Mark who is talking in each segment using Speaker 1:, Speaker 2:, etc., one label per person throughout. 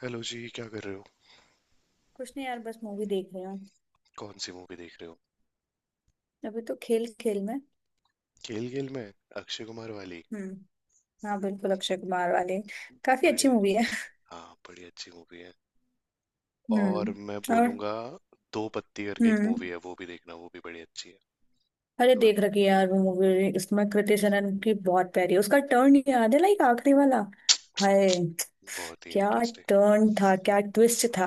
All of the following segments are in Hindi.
Speaker 1: हेलो जी, क्या कर रहे हो।
Speaker 2: कुछ नहीं यार, बस मूवी देख रही हूँ।
Speaker 1: कौन सी मूवी देख रहे हो।
Speaker 2: अभी तो खेल खेल में।
Speaker 1: खेल खेल में, अक्षय कुमार वाली।
Speaker 2: हम्म। हाँ, बिल्कुल अक्षय कुमार वाले। काफी
Speaker 1: बड़े।
Speaker 2: अच्छी मूवी है।
Speaker 1: हाँ, बड़ी अच्छी मूवी है। और
Speaker 2: हम्म।
Speaker 1: मैं
Speaker 2: और।
Speaker 1: बोलूंगा, दो पत्ती करके एक मूवी
Speaker 2: हम्म।
Speaker 1: है, वो भी देखना, वो भी बड़ी अच्छी है।
Speaker 2: अरे,
Speaker 1: तो मैं,
Speaker 2: देख रखी है यार वो मूवी। इसमें कृति सेनन की बहुत प्यारी है उसका टर्न। याद है लाइक आखिरी वाला? हाय!
Speaker 1: बहुत ही
Speaker 2: क्या
Speaker 1: इंटरेस्टिंग।
Speaker 2: टर्न था, क्या ट्विस्ट था?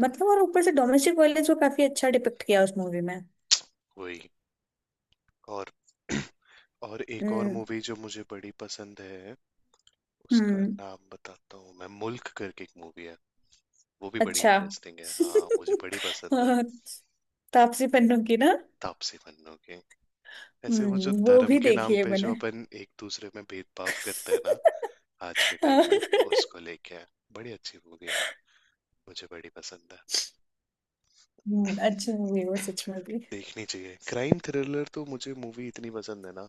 Speaker 2: मतलब और ऊपर से डोमेस्टिक वायलेंस को काफी अच्छा डिपिक्ट किया उस मूवी में।
Speaker 1: वही। और और एक और
Speaker 2: हम्म।
Speaker 1: मूवी जो मुझे बड़ी पसंद है, उसका
Speaker 2: हम्म।
Speaker 1: नाम बताता हूँ मैं, मुल्क करके एक मूवी है। वो भी बड़ी
Speaker 2: अच्छा
Speaker 1: इंटरेस्टिंग है। हाँ, मुझे बड़ी पसंद है।
Speaker 2: हाँ, तापसी पन्नू की ना?
Speaker 1: तापसी पन्नू की। ऐसे वो जो
Speaker 2: हम्म, वो
Speaker 1: धर्म
Speaker 2: भी
Speaker 1: के नाम
Speaker 2: देखी है
Speaker 1: पे जो
Speaker 2: मैंने
Speaker 1: अपन एक दूसरे में भेदभाव करते हैं ना, आज के टाइम
Speaker 2: हाँ।
Speaker 1: में उसको लेके आए। बड़ी अच्छी मूवी है, मुझे बड़ी पसंद है।
Speaker 2: अच्छी मूवी है वो सच में भी।
Speaker 1: देखनी चाहिए। क्राइम थ्रिलर तो मुझे मूवी इतनी पसंद है ना,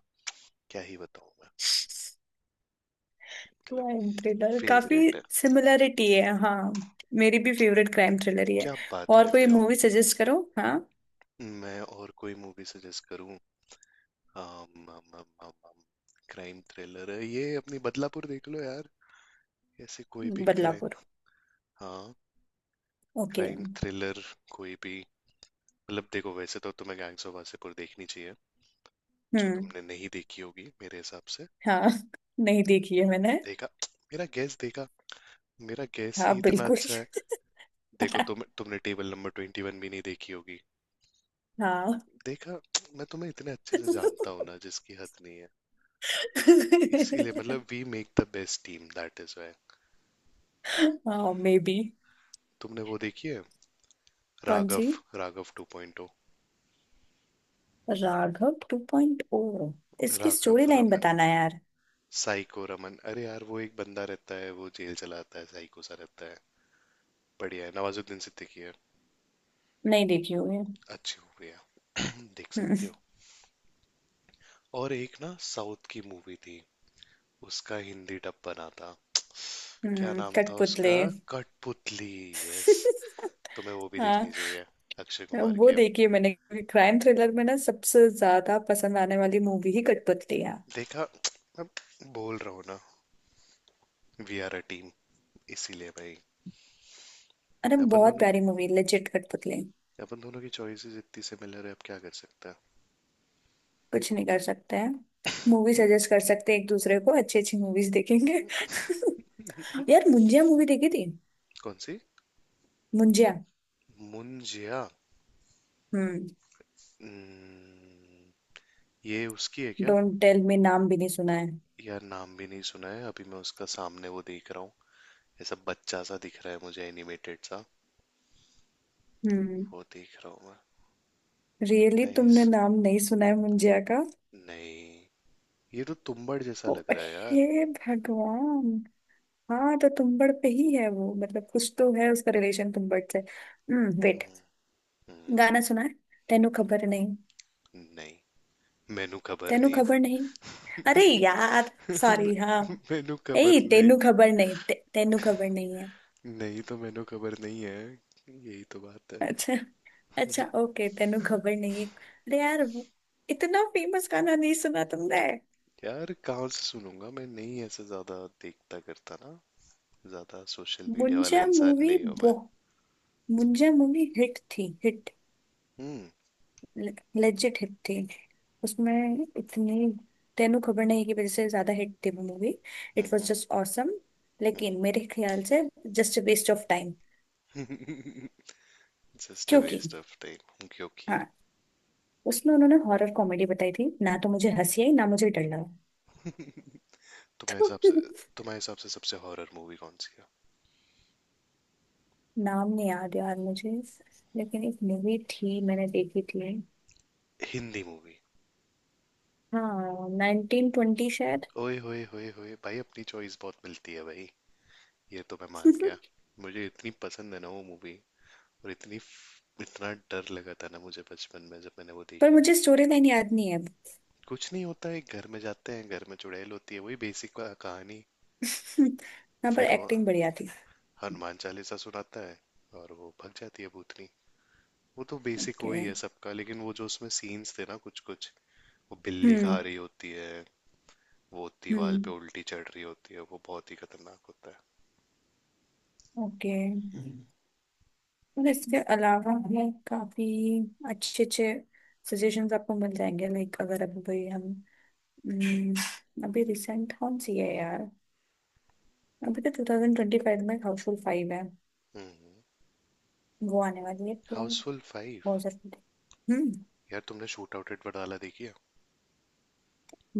Speaker 1: क्या ही बताऊं मैं, मतलब,
Speaker 2: क्राइम थ्रिलर काफी
Speaker 1: फेवरेट है।
Speaker 2: सिमिलरिटी है, हाँ। मेरी भी फेवरेट क्राइम थ्रिलर ही है।
Speaker 1: क्या बात
Speaker 2: और
Speaker 1: कर
Speaker 2: कोई
Speaker 1: रहे हो।
Speaker 2: मूवी सजेस्ट करो, हाँ।
Speaker 1: मैं और कोई मूवी सजेस्ट करूं। आम, आम, आम, आम, आम, क्राइम थ्रिलर है ये, अपनी बदलापुर देख लो यार। ऐसे कोई भी क्राइम।
Speaker 2: बदलापुर।
Speaker 1: हाँ,
Speaker 2: ओके।
Speaker 1: क्राइम थ्रिलर कोई भी, मतलब देखो, वैसे तो तुम्हें गैंग्स ऑफ वासेपुर देखनी चाहिए, जो
Speaker 2: हम्म।
Speaker 1: तुमने नहीं देखी होगी मेरे हिसाब से।
Speaker 2: हाँ, नहीं देखी है मैंने।
Speaker 1: देखा, मेरा गैस देखा, मेरा गैस
Speaker 2: हाँ
Speaker 1: ही इतना
Speaker 2: बिल्कुल
Speaker 1: अच्छा है। देखो तुमने टेबल नंबर 21 भी नहीं देखी होगी।
Speaker 2: हाँ।
Speaker 1: देखा, मैं तुम्हें इतने अच्छे से जानता हूँ ना, जिसकी हद नहीं है। इसीलिए मतलब, we make the best team, that is why.
Speaker 2: हाँ, मे बी।
Speaker 1: तुमने वो देखी है
Speaker 2: कौन
Speaker 1: राघव
Speaker 2: सी?
Speaker 1: राघव 2.0।
Speaker 2: राघव 2.0? इसकी
Speaker 1: राघव
Speaker 2: स्टोरी लाइन
Speaker 1: रमन,
Speaker 2: बताना यार।
Speaker 1: साइको रमन। अरे यार, वो एक बंदा रहता है, वो जेल चलाता है, साइको सा रहता है। बढ़िया है, नवाजुद्दीन सिद्दीकी है।
Speaker 2: नहीं देखी हुई
Speaker 1: अच्छी मूवी है। देख सकते हो।
Speaker 2: है।
Speaker 1: और एक ना साउथ की मूवी थी, उसका हिंदी डब बना था। क्या नाम था
Speaker 2: कठपुतली।
Speaker 1: उसका, कठपुतली। यस, तुम्हें वो भी देखनी
Speaker 2: हाँ,
Speaker 1: चाहिए, अक्षय कुमार
Speaker 2: वो
Speaker 1: की। अब
Speaker 2: देखी है मैंने। क्राइम थ्रिलर में ना सबसे ज्यादा पसंद आने वाली मूवी ही कठपुतली है।
Speaker 1: देखा, अब बोल रहा हूँ ना, वी आर अ टीम, इसीलिए भाई।
Speaker 2: अरे,
Speaker 1: अपन
Speaker 2: बहुत
Speaker 1: दोनों
Speaker 2: प्यारी मूवी लेजिट कठपुतली।
Speaker 1: अपन दोनों की चॉइसेस इतनी सिमिलर है, अब क्या कर सकते हैं।
Speaker 2: कुछ नहीं कर सकते हैं। मूवी सजेस्ट कर सकते हैं एक दूसरे को, अच्छी अच्छी मूवीज देखेंगे यार, मुंजिया मूवी देखी थी?
Speaker 1: कौन सी।
Speaker 2: मुंजिया।
Speaker 1: मुंजिया।
Speaker 2: हम्म।
Speaker 1: हम्म, ये उसकी है क्या।
Speaker 2: डोंट टेल मी, नाम भी नहीं सुना है।
Speaker 1: यार नाम भी नहीं सुना है, अभी मैं उसका सामने वो देख रहा हूँ। ऐसा बच्चा सा दिख रहा है मुझे, एनिमेटेड सा,
Speaker 2: हम्म।
Speaker 1: वो देख रहा हूँ मैं।
Speaker 2: Really,
Speaker 1: nice.
Speaker 2: तुमने नाम नहीं सुना है मुंजिया का?
Speaker 1: नहीं। ये तो तुम्बाड़ जैसा
Speaker 2: ओ
Speaker 1: लग रहा है यार।
Speaker 2: हे भगवान। हाँ तो तुम्बड़ पे ही है वो। मतलब कुछ तो है उसका रिलेशन तुम्बड़ से। हम्म, वेट।
Speaker 1: हम्म। हम्म।
Speaker 2: गाना सुना है? तेनू खबर नहीं।
Speaker 1: नहीं, मेनू खबर
Speaker 2: तेनू
Speaker 1: नहीं।
Speaker 2: खबर नहीं। अरे यार। सॉरी, हाँ।
Speaker 1: मेनू
Speaker 2: ए,
Speaker 1: खबर नहीं।
Speaker 2: तेनू खबर नहीं, तेनू खबर नहीं है।
Speaker 1: नहीं तो मेनू खबर नहीं है, यही तो बात है।
Speaker 2: अच्छा। अच्छा, ओके, तेनू खबर नहीं है, अरे यार इतना फेमस गाना नहीं सुना तुमने?
Speaker 1: यार कहाँ से सुनूंगा मैं, नहीं ऐसे ज्यादा देखता करता ना, ज्यादा सोशल मीडिया वाला
Speaker 2: मुंजा
Speaker 1: इंसान
Speaker 2: मूवी।
Speaker 1: नहीं हूँ मैं।
Speaker 2: बहु मुंजा मूवी हिट थी, हिट।
Speaker 1: हम्म।
Speaker 2: लेजिट हिट थी। उसमें इतनी, तेनू खबर नहीं की वजह से ज्यादा हिट थी वो movie. It was
Speaker 1: hmm.
Speaker 2: Just awesome.
Speaker 1: हम्म।
Speaker 2: लेकिन मेरे ख्याल से just waste of time.
Speaker 1: Just a
Speaker 2: क्योंकि,
Speaker 1: वेस्ट ऑफ टाइम क्योंकि
Speaker 2: हाँ, उसमें उन्होंने हॉरर कॉमेडी बताई थी ना, तो मुझे हंसी आई ना मुझे डर लगा
Speaker 1: तुम्हारे
Speaker 2: तो
Speaker 1: हिसाब से तुम्हारे हिसाब से सबसे हॉरर मूवी कौन सी है।
Speaker 2: नाम नहीं याद यार मुझे। लेकिन एक मूवी थी मैंने देखी थी।
Speaker 1: हिंदी मूवी।
Speaker 2: हाँ, 1920 शायद।
Speaker 1: ओए होए होए होए भाई, अपनी चॉइस बहुत मिलती है भाई, ये तो मैं मान गया। मुझे इतनी पसंद है ना वो मूवी, और इतनी, इतना डर लगा था ना मुझे बचपन में जब मैंने वो
Speaker 2: पर
Speaker 1: देखी थी।
Speaker 2: मुझे स्टोरी लाइन याद नहीं है अब।
Speaker 1: कुछ नहीं, होता है घर में जाते हैं, घर में चुड़ैल होती है, वही बेसिक कहानी।
Speaker 2: हाँ, पर
Speaker 1: फिर वो
Speaker 2: एक्टिंग बढ़िया थी।
Speaker 1: हनुमान चालीसा सुनाता है और वो भग जाती है भूतनी। वो तो बेसिक
Speaker 2: ओके।
Speaker 1: वही है सबका, लेकिन वो जो उसमें सीन्स थे ना, कुछ कुछ, वो बिल्ली खा
Speaker 2: हम्म।
Speaker 1: रही होती है, वो दीवार पे
Speaker 2: हम्म।
Speaker 1: उल्टी चढ़ रही होती है, वो बहुत ही खतरनाउट होता
Speaker 2: ओके। और इसके अलावा हमें काफी अच्छे अच्छे सजेशंस आपको मिल जाएंगे, लाइक अगर अभी भाई हम। अभी रिसेंट कौन सी है यार? अभी तो 2025 में हाउसफुल फाइव है,
Speaker 1: है।
Speaker 2: वो आने वाली है तो
Speaker 1: हाउसफुल 5।
Speaker 2: बहुत जरूरी है। हम्म।
Speaker 1: यार तुमने शूट आउट एट वाला देखी है।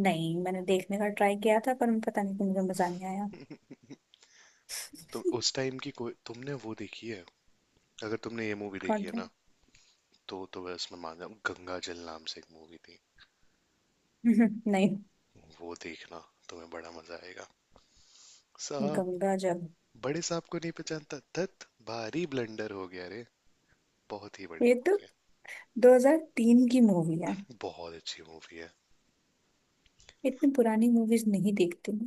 Speaker 2: नहीं, मैंने देखने का ट्राई किया था पर पता नहीं क्यों मुझे मजा नहीं आया।
Speaker 1: तो उस टाइम की कोई तुमने वो देखी है, अगर तुमने ये मूवी
Speaker 2: कौन
Speaker 1: देखी है
Speaker 2: था?
Speaker 1: ना, तो बस मैं उसमें मान जाऊँ, गंगा जल नाम से एक मूवी थी,
Speaker 2: नहीं।
Speaker 1: वो देखना, तुम्हें बड़ा मजा आएगा। साहब,
Speaker 2: गंगा जल?
Speaker 1: बड़े साहब को नहीं पहचानता, धत, भारी ब्लंडर हो गया रे। बहुत ही
Speaker 2: ये
Speaker 1: बढ़िया
Speaker 2: तो
Speaker 1: मूवी,
Speaker 2: 2003 की मूवी है।
Speaker 1: है बहुत अच्छी मूवी है।
Speaker 2: इतनी पुरानी मूवीज नहीं देखती।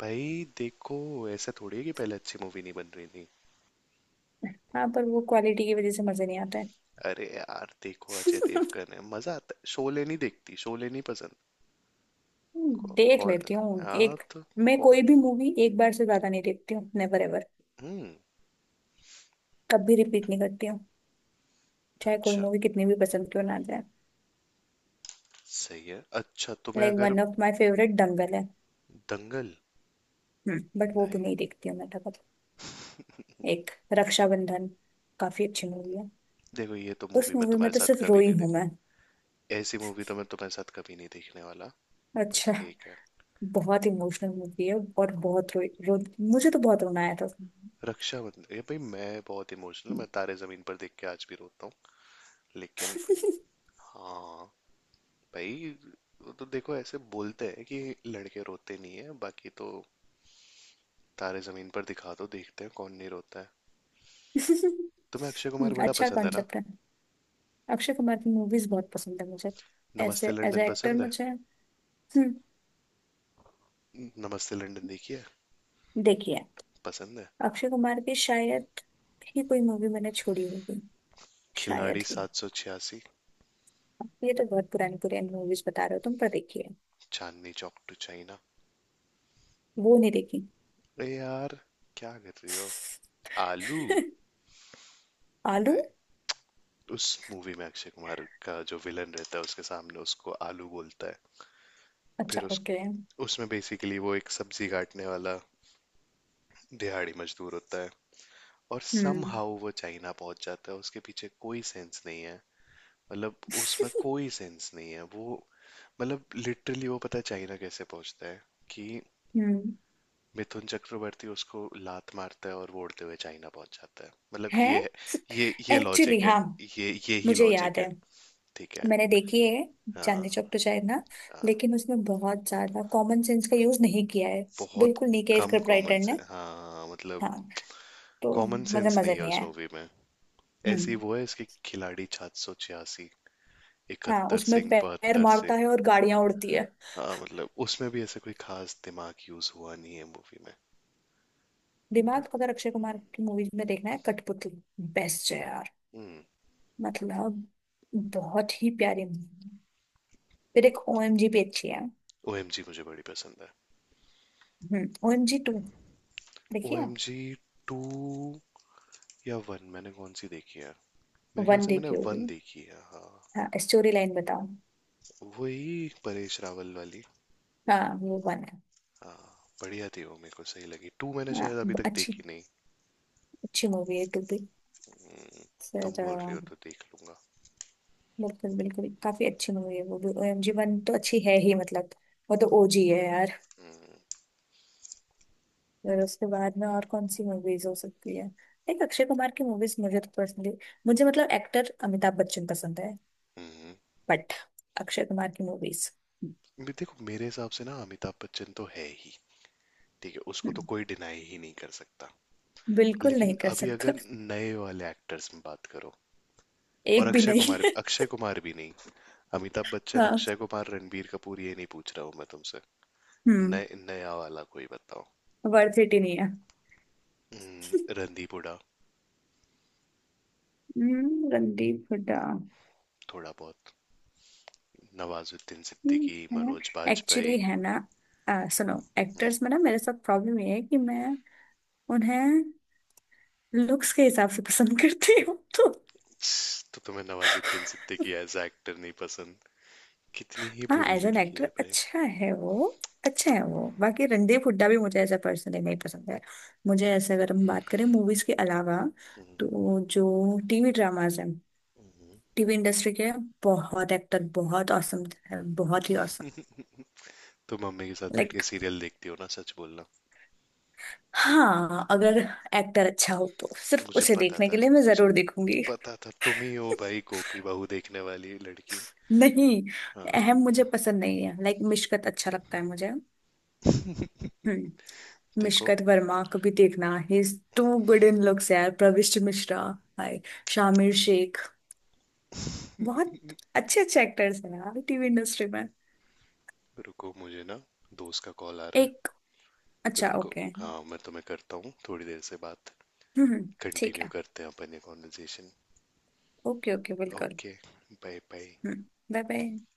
Speaker 1: भाई देखो, ऐसा थोड़ी है कि पहले अच्छी मूवी नहीं बन रही थी।
Speaker 2: हाँ, पर वो क्वालिटी की वजह से मजे नहीं आता है।
Speaker 1: अरे यार देखो, अजय देवगन है, मजा आता है। शोले नहीं देखती, शोले नहीं पसंद। कौ,
Speaker 2: देख
Speaker 1: कौ,
Speaker 2: लेती हूँ
Speaker 1: हाँ
Speaker 2: एक।
Speaker 1: तो
Speaker 2: मैं
Speaker 1: कौ,
Speaker 2: कोई भी मूवी एक बार से ज्यादा नहीं देखती हूँ, नेवर एवर।
Speaker 1: हम्म।
Speaker 2: कभी रिपीट नहीं करती हूँ, चाहे कोई
Speaker 1: अच्छा,
Speaker 2: मूवी कितनी भी पसंद क्यों ना आ जाए।
Speaker 1: सही है। अच्छा, तुम्हें
Speaker 2: लाइक
Speaker 1: अगर
Speaker 2: one of my favourite Dangal है।
Speaker 1: दंगल,
Speaker 2: हम्म, बट वो भी
Speaker 1: नहीं,
Speaker 2: नहीं देखती हूँ मैं तब। एक, रक्षाबंधन काफी अच्छी मूवी है।
Speaker 1: देखो ये तो
Speaker 2: उस
Speaker 1: मूवी मैं
Speaker 2: मूवी में
Speaker 1: तुम्हारे
Speaker 2: तो
Speaker 1: साथ
Speaker 2: सिर्फ
Speaker 1: कभी
Speaker 2: रोई
Speaker 1: नहीं
Speaker 2: हूँ
Speaker 1: देख,
Speaker 2: मैं।
Speaker 1: ऐसी मूवी तो मैं तुम्हारे साथ कभी नहीं देखने वाला। बट
Speaker 2: अच्छा,
Speaker 1: ठीक है।
Speaker 2: बहुत इमोशनल मूवी है और बहुत रोई रो मुझे तो बहुत रोना आया था उसमें।
Speaker 1: रक्षाबंधन, ये भाई मैं बहुत इमोशनल, मैं तारे जमीन पर देख के आज भी रोता हूँ, लेकिन हाँ भाई। वो तो देखो ऐसे बोलते हैं कि लड़के रोते नहीं है, बाकी तो तारे जमीन पर दिखा दो, देखते हैं कौन नहीं रोता है। तुम्हें अक्षय कुमार बड़ा
Speaker 2: अच्छा
Speaker 1: पसंद है ना।
Speaker 2: कॉन्सेप्ट है। अक्षय कुमार की मूवीज बहुत पसंद है मुझे, ऐसे
Speaker 1: Namaste
Speaker 2: as
Speaker 1: London
Speaker 2: a actor
Speaker 1: पसंद है।
Speaker 2: मुझे। हम्म।
Speaker 1: नमस्ते लंदन देखिए,
Speaker 2: देखिए,
Speaker 1: पसंद है।
Speaker 2: अक्षय कुमार की शायद ही कोई मूवी मैंने छोड़ी होगी।
Speaker 1: खिलाड़ी
Speaker 2: शायद ही।
Speaker 1: 786।
Speaker 2: ये तो बहुत पुरानी पुरानी मूवीज बता रहे हो तुम, पर देखिए।
Speaker 1: Chandni Chowk to China.
Speaker 2: वो नहीं देखी।
Speaker 1: अरे यार, क्या कर रही हो, आलू।
Speaker 2: आलू।
Speaker 1: नहीं, उस मूवी में अक्षय कुमार का जो विलन रहता है, उसके सामने उसको आलू बोलता है।
Speaker 2: अच्छा,
Speaker 1: फिर उस
Speaker 2: ओके।
Speaker 1: उसमें बेसिकली वो एक सब्जी काटने वाला दिहाड़ी मजदूर होता है, और
Speaker 2: हम्म।
Speaker 1: समहाउ वो चाइना पहुंच जाता है, उसके पीछे कोई सेंस नहीं है। मतलब उसमें कोई सेंस नहीं है वो। मतलब लिटरली, वो पता है चाइना कैसे पहुंचता है कि
Speaker 2: हम्म।
Speaker 1: मिथुन चक्रवर्ती उसको लात मारता है और वो उड़ते हुए चाइना पहुंच जाता है, मतलब ये
Speaker 2: है।
Speaker 1: है। ये
Speaker 2: एक्चुअली
Speaker 1: लॉजिक है।
Speaker 2: हाँ,
Speaker 1: ये ही
Speaker 2: मुझे
Speaker 1: लॉजिक
Speaker 2: याद है।
Speaker 1: है। ठीक है।
Speaker 2: मैंने देखी है
Speaker 1: हाँ,
Speaker 2: चांदनी चौक, तो शायद ना।
Speaker 1: हाँ,
Speaker 2: लेकिन उसमें बहुत ज्यादा कॉमन सेंस का यूज नहीं किया है,
Speaker 1: बहुत
Speaker 2: बिल्कुल नहीं किया
Speaker 1: कम
Speaker 2: स्क्रिप्ट
Speaker 1: कॉमन
Speaker 2: राइटर
Speaker 1: से,
Speaker 2: ने।
Speaker 1: हाँ, मतलब,
Speaker 2: हाँ तो
Speaker 1: कॉमन
Speaker 2: मजे
Speaker 1: सेंस नहीं
Speaker 2: मजे
Speaker 1: है
Speaker 2: नहीं
Speaker 1: उस
Speaker 2: आया।
Speaker 1: मूवी में। ऐसी
Speaker 2: हम्म।
Speaker 1: वो है, इसके खिलाड़ी 786,
Speaker 2: हाँ,
Speaker 1: 71
Speaker 2: उसमें
Speaker 1: सिंह,
Speaker 2: पैर
Speaker 1: 72
Speaker 2: मारता
Speaker 1: सिंह।
Speaker 2: है और गाड़ियां उड़ती है।
Speaker 1: हाँ मतलब उसमें भी ऐसा कोई खास दिमाग यूज हुआ नहीं है मूवी में,
Speaker 2: दिमाग
Speaker 1: बट।
Speaker 2: अगर अक्षय कुमार की मूवीज में देखना है, कठपुतली बेस्ट है यार।
Speaker 1: हम्म।
Speaker 2: मतलब बहुत ही प्यारी मूवी है। फिर एक, ओएमजी भी अच्छी है।
Speaker 1: ओएमजी मुझे बड़ी पसंद है।
Speaker 2: हम्म, ओएमजी टू देखिए।
Speaker 1: ओएमजी 2 या वन, मैंने कौन सी देखी है। मेरे ख्याल
Speaker 2: वन
Speaker 1: से मैंने
Speaker 2: देखी
Speaker 1: वन
Speaker 2: होगी।
Speaker 1: देखी है, हाँ।
Speaker 2: हाँ, स्टोरी लाइन बताओ।
Speaker 1: वही परेश रावल वाली।
Speaker 2: हाँ, वो वन है।
Speaker 1: हाँ, बढ़िया थी वो, मेरे को सही लगी। टू मैंने
Speaker 2: हाँ,
Speaker 1: शायद अभी तक
Speaker 2: अच्छी।
Speaker 1: देखी नहीं।
Speaker 2: अच्छी मूवी है टू भी।
Speaker 1: हम्म, तुम
Speaker 2: फिर
Speaker 1: बोल रहे हो तो देख लूंगा।
Speaker 2: बिल्कुल बिल्कुल काफी अच्छी मूवी है वो भी। ओएमजी वन तो अच्छी है ही, मतलब वो तो ओजी है यार।
Speaker 1: हम्म।
Speaker 2: फिर उसके बाद में और कौन सी मूवीज हो सकती है? एक, अक्षय कुमार की मूवीज मुझे तो पर्सनली। मुझे, मतलब एक्टर अमिताभ बच्चन पसंद है,
Speaker 1: हम्म।
Speaker 2: बट अक्षय कुमार की मूवीज।
Speaker 1: भी देखो, मेरे हिसाब से ना अमिताभ बच्चन तो है ही, ठीक है, उसको तो कोई डिनाई ही नहीं कर सकता।
Speaker 2: बिल्कुल नहीं
Speaker 1: लेकिन
Speaker 2: कर
Speaker 1: अभी
Speaker 2: सकता
Speaker 1: अगर नए वाले एक्टर्स में बात करो, और
Speaker 2: एक भी नहीं
Speaker 1: अक्षय कुमार भी नहीं। अमिताभ बच्चन,
Speaker 2: हाँ।
Speaker 1: अक्षय कुमार, रणबीर कपूर, ये नहीं पूछ रहा हूँ मैं तुमसे,
Speaker 2: हम्म।
Speaker 1: नए नया वाला कोई बताओ।
Speaker 2: वर्थ इट ही नहीं है
Speaker 1: हम्म, रणदीप हुडा,
Speaker 2: रणदीप हुड्डा।
Speaker 1: थोड़ा बहुत, नवाजुद्दीन सिद्दीकी,
Speaker 2: ठीक
Speaker 1: मनोज
Speaker 2: है,
Speaker 1: बाजपेयी।
Speaker 2: एक्चुअली है ना। सुनो,
Speaker 1: हम्म,
Speaker 2: एक्टर्स में ना मेरे साथ प्रॉब्लम ये है कि मैं उन्हें लुक्स के हिसाब से पसंद करती हूँ तो।
Speaker 1: तो तुम्हें नवाजुद्दीन सिद्दीकी एज एक्टर नहीं पसंद, कितनी ही
Speaker 2: हाँ,
Speaker 1: बुरी
Speaker 2: एज एन
Speaker 1: लड़की
Speaker 2: एक्टर
Speaker 1: है भाई।
Speaker 2: अच्छा है वो। अच्छा है वो, बाकी रणदीप हुड्डा भी मुझे एज अ पर्सनली नहीं पसंद है। मुझे ऐसे अगर हम बात करें मूवीज के अलावा,
Speaker 1: हम्म।
Speaker 2: तो जो टीवी ड्रामाज हैं,
Speaker 1: हम्म।
Speaker 2: टीवी इंडस्ट्री के बहुत एक्टर बहुत औसम है, बहुत ही औसम।
Speaker 1: तुम मम्मी के साथ बैठ के
Speaker 2: लाइक,
Speaker 1: सीरियल देखती हो ना, सच बोलना।
Speaker 2: हाँ, अगर एक्टर अच्छा हो तो सिर्फ
Speaker 1: मुझे
Speaker 2: उसे
Speaker 1: पता
Speaker 2: देखने के
Speaker 1: था,
Speaker 2: लिए मैं
Speaker 1: मुझे
Speaker 2: जरूर देखूंगी।
Speaker 1: पता था तुम ही हो भाई गोपी बहू देखने वाली लड़की।
Speaker 2: नहीं,
Speaker 1: हाँ,
Speaker 2: अहम मुझे पसंद नहीं है, लाइक मिशकत अच्छा लगता है मुझे। हम्म।
Speaker 1: देखो।
Speaker 2: मिशकत वर्मा को भी देखना ही, is too good in looks यार। प्रविष्ट मिश्रा, हाय। शामिर शेख। बहुत अच्छे अच्छे एक्टर्स हैं यार टीवी इंडस्ट्री में।
Speaker 1: रुको, मुझे ना दोस्त का कॉल आ रहा
Speaker 2: एक।
Speaker 1: है,
Speaker 2: अच्छा,
Speaker 1: रुको।
Speaker 2: ओके। हम्म।
Speaker 1: हाँ, मैं तुम्हें करता हूँ थोड़ी देर से, बात
Speaker 2: ठीक
Speaker 1: कंटिन्यू
Speaker 2: है।
Speaker 1: करते हैं अपन ये कॉन्वर्जेशन।
Speaker 2: ओके ओके, बिल्कुल।
Speaker 1: Okay, bye bye.
Speaker 2: Hmm. Bye bye.